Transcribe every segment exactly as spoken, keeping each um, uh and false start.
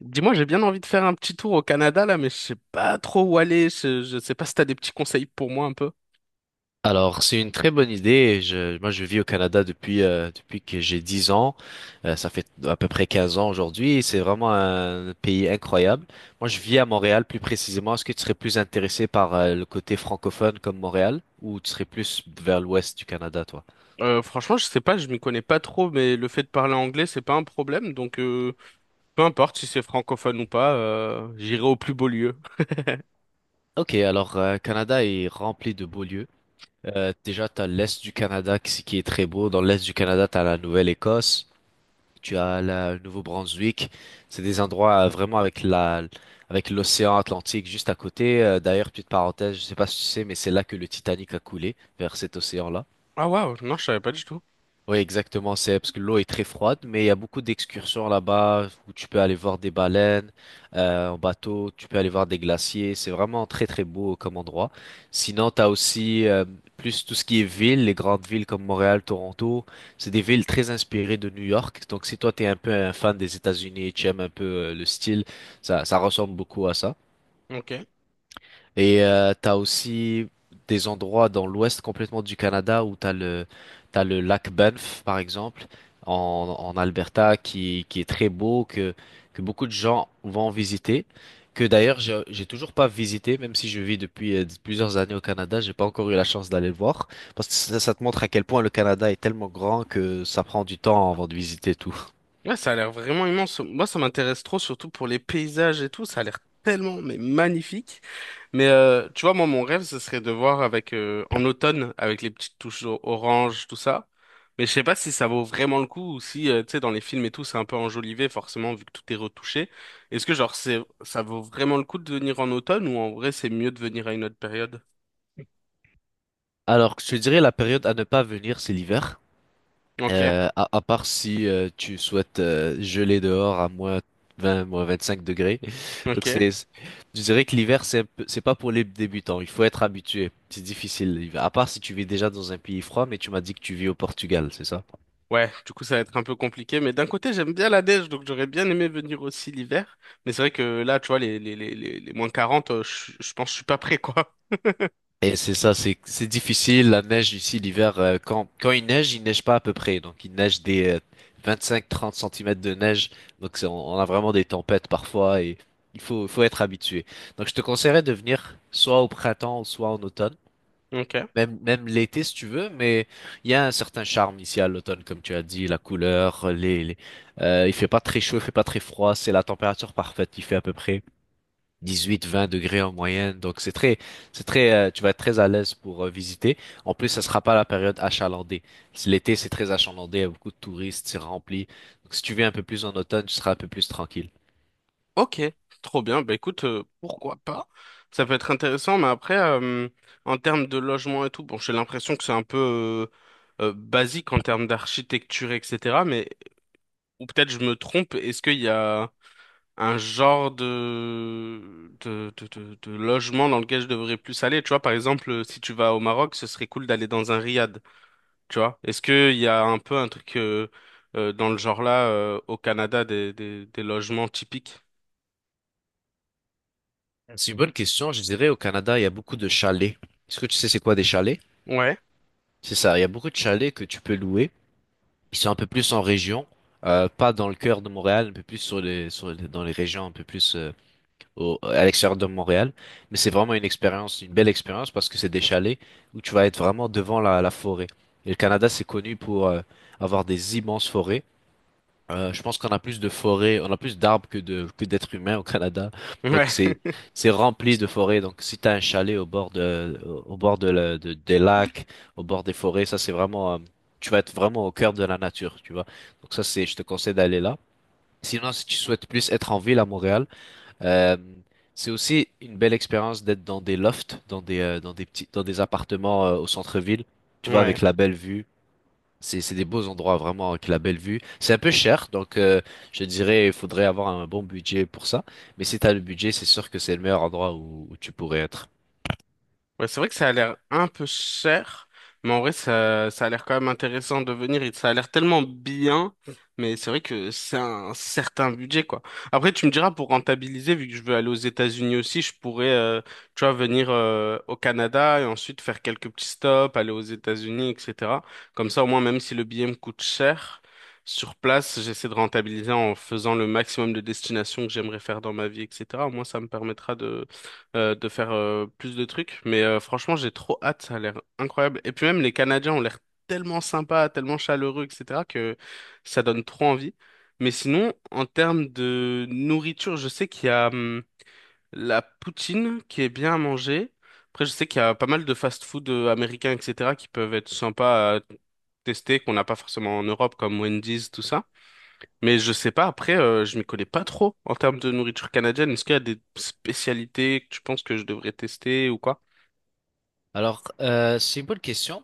Dis-moi, j'ai bien envie de faire un petit tour au Canada là, mais je sais pas trop où aller. Je, je sais pas si t'as des petits conseils pour moi un peu. Alors, c'est une très bonne idée. Je, moi, je vis au Canada depuis, euh, depuis que j'ai dix ans. Euh, ça fait à peu près quinze ans aujourd'hui. C'est vraiment un pays incroyable. Moi, je vis à Montréal plus précisément. Est-ce que tu serais plus intéressé par euh, le côté francophone comme Montréal ou tu serais plus vers l'ouest du Canada, toi? Euh, franchement, je sais pas, je m'y connais pas trop, mais le fait de parler anglais, c'est pas un problème. Donc, euh, peu importe si c'est francophone ou pas, euh, j'irai au plus beau lieu. Ok, alors, euh, Canada est rempli de beaux lieux. Euh, déjà, t'as l'est du Canada qui, qui est très beau. Dans l'est du Canada, t'as la Nouvelle-Écosse. Tu as la- le Nouveau-Brunswick. C'est des endroits euh, vraiment avec la, avec l'océan Atlantique juste à côté. Euh, d'ailleurs, petite parenthèse, je sais pas si tu sais, mais c'est là que le Titanic a coulé, vers cet océan-là. Ah waouh, non, je savais pas du tout. Oui, exactement, c'est parce que l'eau est très froide, mais il y a beaucoup d'excursions là-bas où tu peux aller voir des baleines euh, en bateau, tu peux aller voir des glaciers, c'est vraiment très très beau comme endroit. Sinon, t'as aussi euh, plus tout ce qui est ville, les grandes villes comme Montréal, Toronto, c'est des villes très inspirées de New York. Donc si toi t'es un peu un fan des États-Unis et tu aimes un peu euh, le style, ça ça ressemble beaucoup à ça. Ok. Et euh, t'as aussi des endroits dans l'ouest complètement du Canada où t'as le t'as le lac Banff par exemple en, en Alberta qui qui est très beau que que beaucoup de gens vont visiter, que d'ailleurs j'ai j'ai toujours pas visité même si je vis depuis euh, plusieurs années au Canada. J'ai pas encore eu la chance d'aller le voir parce que ça, ça te montre à quel point le Canada est tellement grand que ça prend du temps avant de visiter tout. Ouais, ça a l'air vraiment immense. Moi, ça m'intéresse trop, surtout pour les paysages et tout. Ça a l'air tellement, mais magnifique. Mais euh, tu vois, moi, mon rêve, ce serait de voir avec euh, en automne, avec les petites touches o- orange, tout ça. Mais je sais pas si ça vaut vraiment le coup ou si, euh, tu sais, dans les films et tout, c'est un peu enjolivé, forcément, vu que tout est retouché. Est-ce que, genre, c'est, ça vaut vraiment le coup de venir en automne ou en vrai, c'est mieux de venir à une autre période? Alors je te dirais la période à ne pas venir c'est l'hiver. Ok, Euh, à, à part si euh, tu souhaites euh, geler dehors à moins vingt, moins vingt-cinq degrés. Donc ok. c'est, c'est- je dirais que l'hiver, c'est un peu- c'est pas pour les débutants. Il faut être habitué. C'est difficile l'hiver. À part si tu vis déjà dans un pays froid, mais tu m'as dit que tu vis au Portugal, c'est ça? Ouais, du coup, ça va être un peu compliqué, mais d'un côté, j'aime bien la neige, donc j'aurais bien aimé venir aussi l'hiver. Mais c'est vrai que là, tu vois, les, les, les, les, les moins quarante euh, je, je pense que je suis pas prêt, quoi. Et c'est ça, c'est c'est difficile. La neige ici l'hiver, euh, quand quand il neige, il neige pas à peu près. Donc il neige des vingt-cinq trente centimètres de neige. Donc c'est- on, on a vraiment des tempêtes parfois et il faut faut être habitué. Donc je te conseillerais de venir soit au printemps, soit en automne, Ok. même même l'été si tu veux. Mais il y a un certain charme ici à l'automne, comme tu as dit, la couleur, les, les euh, il fait pas très chaud, il fait pas très froid, c'est la température parfaite. Il fait à peu près dix-huit vingt degrés en moyenne. Donc c'est très, c'est très, euh, tu vas être très à l'aise pour euh, visiter. En plus, ça sera pas la période achalandée. C'est- L'été, c'est très achalandé, il y a beaucoup de touristes, c'est rempli. Donc si tu viens un peu plus en automne, tu seras un peu plus tranquille. Ok, trop bien. Bah écoute, euh, pourquoi pas? Ça peut être intéressant, mais après, euh, en termes de logement et tout, bon, j'ai l'impression que c'est un peu euh, euh, basique en termes d'architecture, et cetera. Mais, ou peut-être je me trompe, est-ce qu'il y a un genre de, de, de, de, de logement dans lequel je devrais plus aller. Tu vois, par exemple, si tu vas au Maroc, ce serait cool d'aller dans un riad. Tu vois, est-ce qu'il y a un peu un truc euh, euh, dans le genre là euh, au Canada des, des, des logements typiques? C'est une bonne question. Je dirais au Canada, il y a beaucoup de chalets. Est-ce que tu sais c'est quoi des chalets? Ouais. C'est ça. Il y a beaucoup de chalets que tu peux louer. Ils sont un peu plus en région, euh, pas dans le cœur de Montréal, un peu plus sur les, sur les- dans les régions un peu plus euh, au- à l'extérieur de Montréal. Mais c'est vraiment une expérience, une belle expérience parce que c'est des chalets où tu vas être vraiment devant la, la forêt. Et le Canada, c'est connu pour euh, avoir des immenses forêts. Euh, je pense qu'on a plus de forêts, on a plus d'arbres que de que d'êtres humains au Canada. Ouais. Donc c'est c'est rempli de forêts. Donc si t'as un chalet au bord de au bord de, la- de- des lacs, au bord des forêts, ça c'est vraiment euh, tu vas être vraiment au cœur de la nature, tu vois. Donc ça c'est, je te conseille d'aller là. Sinon si tu souhaites plus être en ville à Montréal, euh, c'est aussi une belle expérience d'être dans des lofts, dans des, euh, dans des petits, dans des appartements euh, au centre-ville. Tu vois, avec Ouais. la belle vue. C'est, c'est des beaux endroits vraiment avec la belle vue. C'est un peu cher, donc euh, je dirais il faudrait avoir un bon budget pour ça. Mais si t'as le budget, c'est sûr que c'est le meilleur endroit où, où tu pourrais être. Ouais, c'est vrai que ça a l'air un peu cher, mais en vrai, ça, ça a l'air quand même intéressant de venir. Et ça a l'air tellement bien, mais c'est vrai que c'est un certain budget, quoi. Après, tu me diras, pour rentabiliser, vu que je veux aller aux États-Unis aussi, je pourrais, euh, tu vois, venir euh, au Canada et ensuite faire quelques petits stops, aller aux États-Unis, et cetera. Comme ça, au moins, même si le billet me coûte cher, sur place, j'essaie de rentabiliser en faisant le maximum de destinations que j'aimerais faire dans ma vie, et cetera. Au moins, ça me permettra euh, de faire euh, plus de trucs. Mais euh, franchement, j'ai trop hâte, ça a l'air incroyable. Et puis même les Canadiens ont l'air tellement sympas, tellement chaleureux, et cetera, que ça donne trop envie. Mais sinon, en termes de nourriture, je sais qu'il y a hum, la poutine qui est bien à manger. Après, je sais qu'il y a pas mal de fast-food euh, américains, et cetera, qui peuvent être sympas à tester, qu'on n'a pas forcément en Europe, comme Wendy's, tout ça. Mais je sais pas, après, euh, je m'y connais pas trop en termes de nourriture canadienne. Est-ce qu'il y a des spécialités que tu penses que je devrais tester ou quoi? Alors, euh, c'est une bonne question.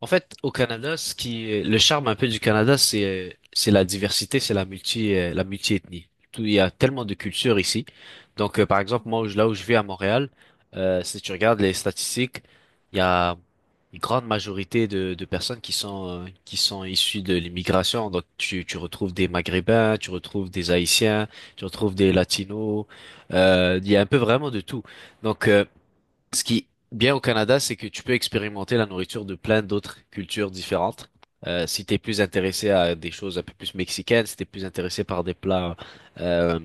En fait, au Canada, ce qui, le charme un peu du Canada, c'est, c'est la diversité, c'est la multi, euh, la multi-ethnie. Tout, il y a tellement de cultures ici. Donc, euh, par exemple, moi, où je- là où je vis à Montréal, euh, si tu regardes les statistiques, il y a une grande majorité de, de personnes qui sont, euh, qui sont issues de l'immigration. Donc, tu, tu retrouves des Maghrébins, tu retrouves des Haïtiens, tu retrouves des Latinos. Euh, il y a un peu vraiment de tout. Donc, euh, Ce qui est bien au Canada, c'est que tu peux expérimenter la nourriture de plein d'autres cultures différentes. Euh, si t'es plus intéressé à des choses un peu plus mexicaines, si t'es plus intéressé par des plats, euh,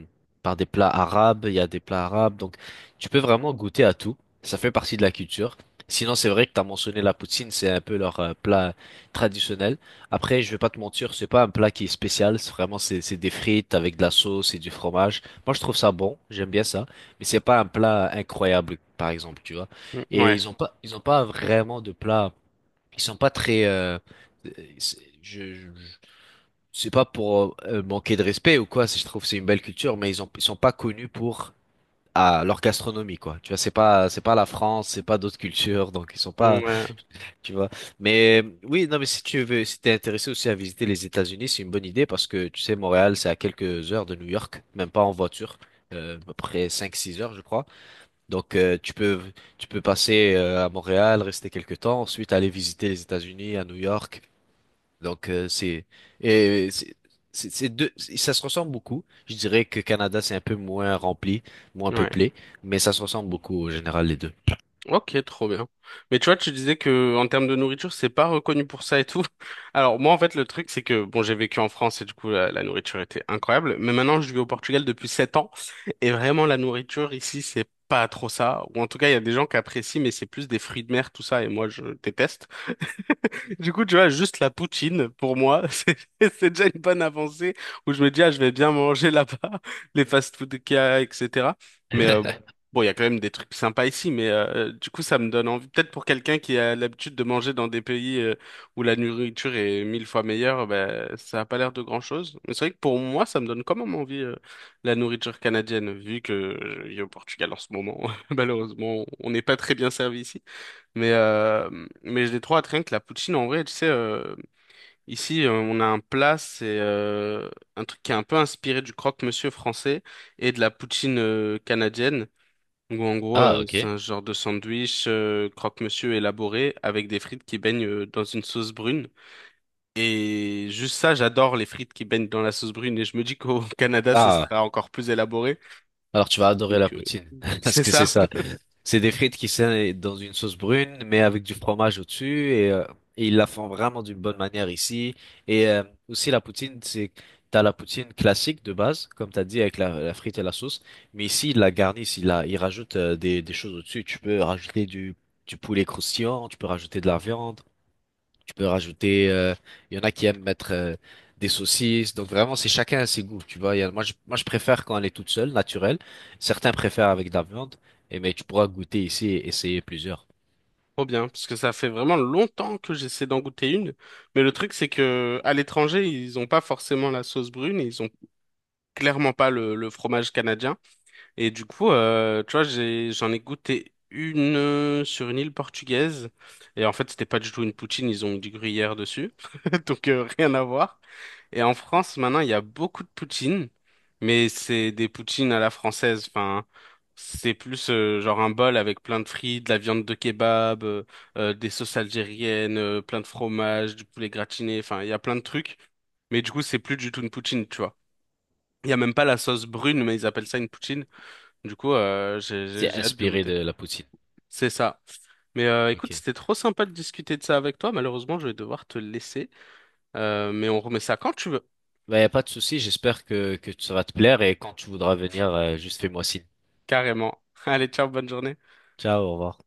par des plats arabes, il y a des plats arabes. Donc, tu peux vraiment goûter à tout. Ça fait partie de la culture. Sinon, c'est vrai que t'as mentionné la poutine, c'est un peu leur euh, plat traditionnel. Après, je vais pas te mentir, c'est pas un plat qui est spécial. C'est vraiment, c'est c'est des frites avec de la sauce et du fromage. Moi, je trouve ça bon. J'aime bien ça. Mais c'est pas un plat incroyable, par exemple, tu vois. Mm, Et ouais. ils ont pas, ils ont pas vraiment de plat. Ils sont pas très. euh, euh, c'est- je, je- je- c'est pas pour euh, manquer de respect ou quoi. c'est- Je trouve que c'est une belle culture, mais ils ont, ils sont pas connus pour ah, leur gastronomie, quoi. Tu vois, c'est pas, c'est pas la France, c'est pas d'autres cultures, donc ils sont Mmh, pas, ouais, tu vois. Mais euh, oui, non, mais si tu veux, si t'es intéressé aussi à visiter les États-Unis, c'est une bonne idée parce que tu sais, Montréal, c'est à quelques heures de New York, même pas en voiture, euh, à peu près cinq six heures, je crois. Donc, euh, tu peux, tu peux passer euh, à Montréal, rester quelques temps, ensuite aller visiter les États-Unis, à New York. Donc, euh, c'est, et c'est, c'est c'est deux, c'est- ça se ressemble beaucoup. Je dirais que Canada, c'est un peu moins rempli, moins ouais. peuplé, mais ça se ressemble beaucoup au général, les deux. Ok, trop bien. Mais tu vois, tu disais que en termes de nourriture, c'est pas reconnu pour ça et tout. Alors moi, en fait, le truc, c'est que bon, j'ai vécu en France et du coup, la, la nourriture était incroyable. Mais maintenant, je vis au Portugal depuis sept ans et vraiment, la nourriture ici, c'est pas trop ça. Ou en tout cas, il y a des gens qui apprécient, mais c'est plus des fruits de mer, tout ça. Et moi, je déteste. Du coup, tu vois, juste la poutine, pour moi, c'est c'est déjà une bonne avancée où je me dis, ah, je vais bien manger là-bas, les fast-food qu'il y a, et cetera. Mais euh, bon, il y a quand même des trucs sympas ici, mais euh, du coup, ça me donne envie. Peut-être pour quelqu'un qui a l'habitude de manger dans des pays euh, où la nourriture est mille fois meilleure, ben, ça a pas l'air de grand-chose. Mais c'est vrai que pour moi, ça me donne quand même envie euh, la nourriture canadienne, vu que je vis au Portugal en ce moment. Malheureusement, on n'est pas très bien servi ici. Mais, euh, mais je l'ai trop rien que la poutine, en vrai, tu sais, euh, ici, euh, on a un plat, c'est euh, un truc qui est un peu inspiré du croque-monsieur français et de la poutine euh, canadienne. Donc, en gros, Ah, euh, c'est ok. un genre de sandwich euh, croque-monsieur élaboré avec des frites qui baignent euh, dans une sauce brune. Et juste ça, j'adore les frites qui baignent dans la sauce brune et je me dis qu'au Canada, ce Ah, sera encore plus élaboré. alors tu vas adorer la Donc, euh, poutine, parce c'est que c'est ça. ça. C'est des frites qui sont dans une sauce brune, mais avec du fromage au-dessus, et, euh, et ils la font vraiment d'une bonne manière ici. Et euh, aussi la poutine, c'est t'as la poutine classique de base, comme t'as dit avec la, la frite et la sauce, mais ici ils la garnissent, ils la, ils rajoutent euh, des, des choses au-dessus. Tu peux rajouter du du poulet croustillant, tu peux rajouter de la viande. Tu peux rajouter, euh, il y en a qui aiment mettre euh, des saucisses. Donc vraiment, c'est chacun à ses goûts, tu vois. Il y a- moi, je, moi, je préfère quand elle est toute seule, naturelle. Certains préfèrent avec de la viande. Et mais tu pourras goûter ici et essayer plusieurs. Trop bien, parce que ça fait vraiment longtemps que j'essaie d'en goûter une. Mais le truc, c'est que à l'étranger, ils ont pas forcément la sauce brune et ils ont clairement pas le, le fromage canadien. Et du coup, euh, tu vois, j'ai, j'en ai goûté une euh, sur une île portugaise. Et en fait, c'était pas du tout une poutine, ils ont mis du gruyère dessus. Donc, euh, rien à voir. Et en France, maintenant, il y a beaucoup de poutines, mais c'est des poutines à la française. Enfin, c'est plus euh, genre un bol avec plein de frites, de la viande de kebab, euh, euh, des sauces algériennes, euh, plein de fromage, du poulet gratiné. Enfin, il y a plein de trucs. Mais du coup, c'est plus du tout une poutine, tu vois. Il y a même pas la sauce brune, mais ils appellent ça une poutine. Du coup, euh, j'ai j'ai- C'est j'ai hâte de inspiré de goûter. la poutine. C'est ça. Mais euh, Ok. écoute, c'était trop sympa de discuter de ça avec toi. Malheureusement, je vais devoir te laisser. Euh, mais on remet ça quand tu veux. Bah, y a pas de souci. J'espère que, que ça va te plaire. Et quand tu voudras venir, euh, juste fais-moi signe. Carrément. Allez, ciao, bonne journée. Ciao, au revoir.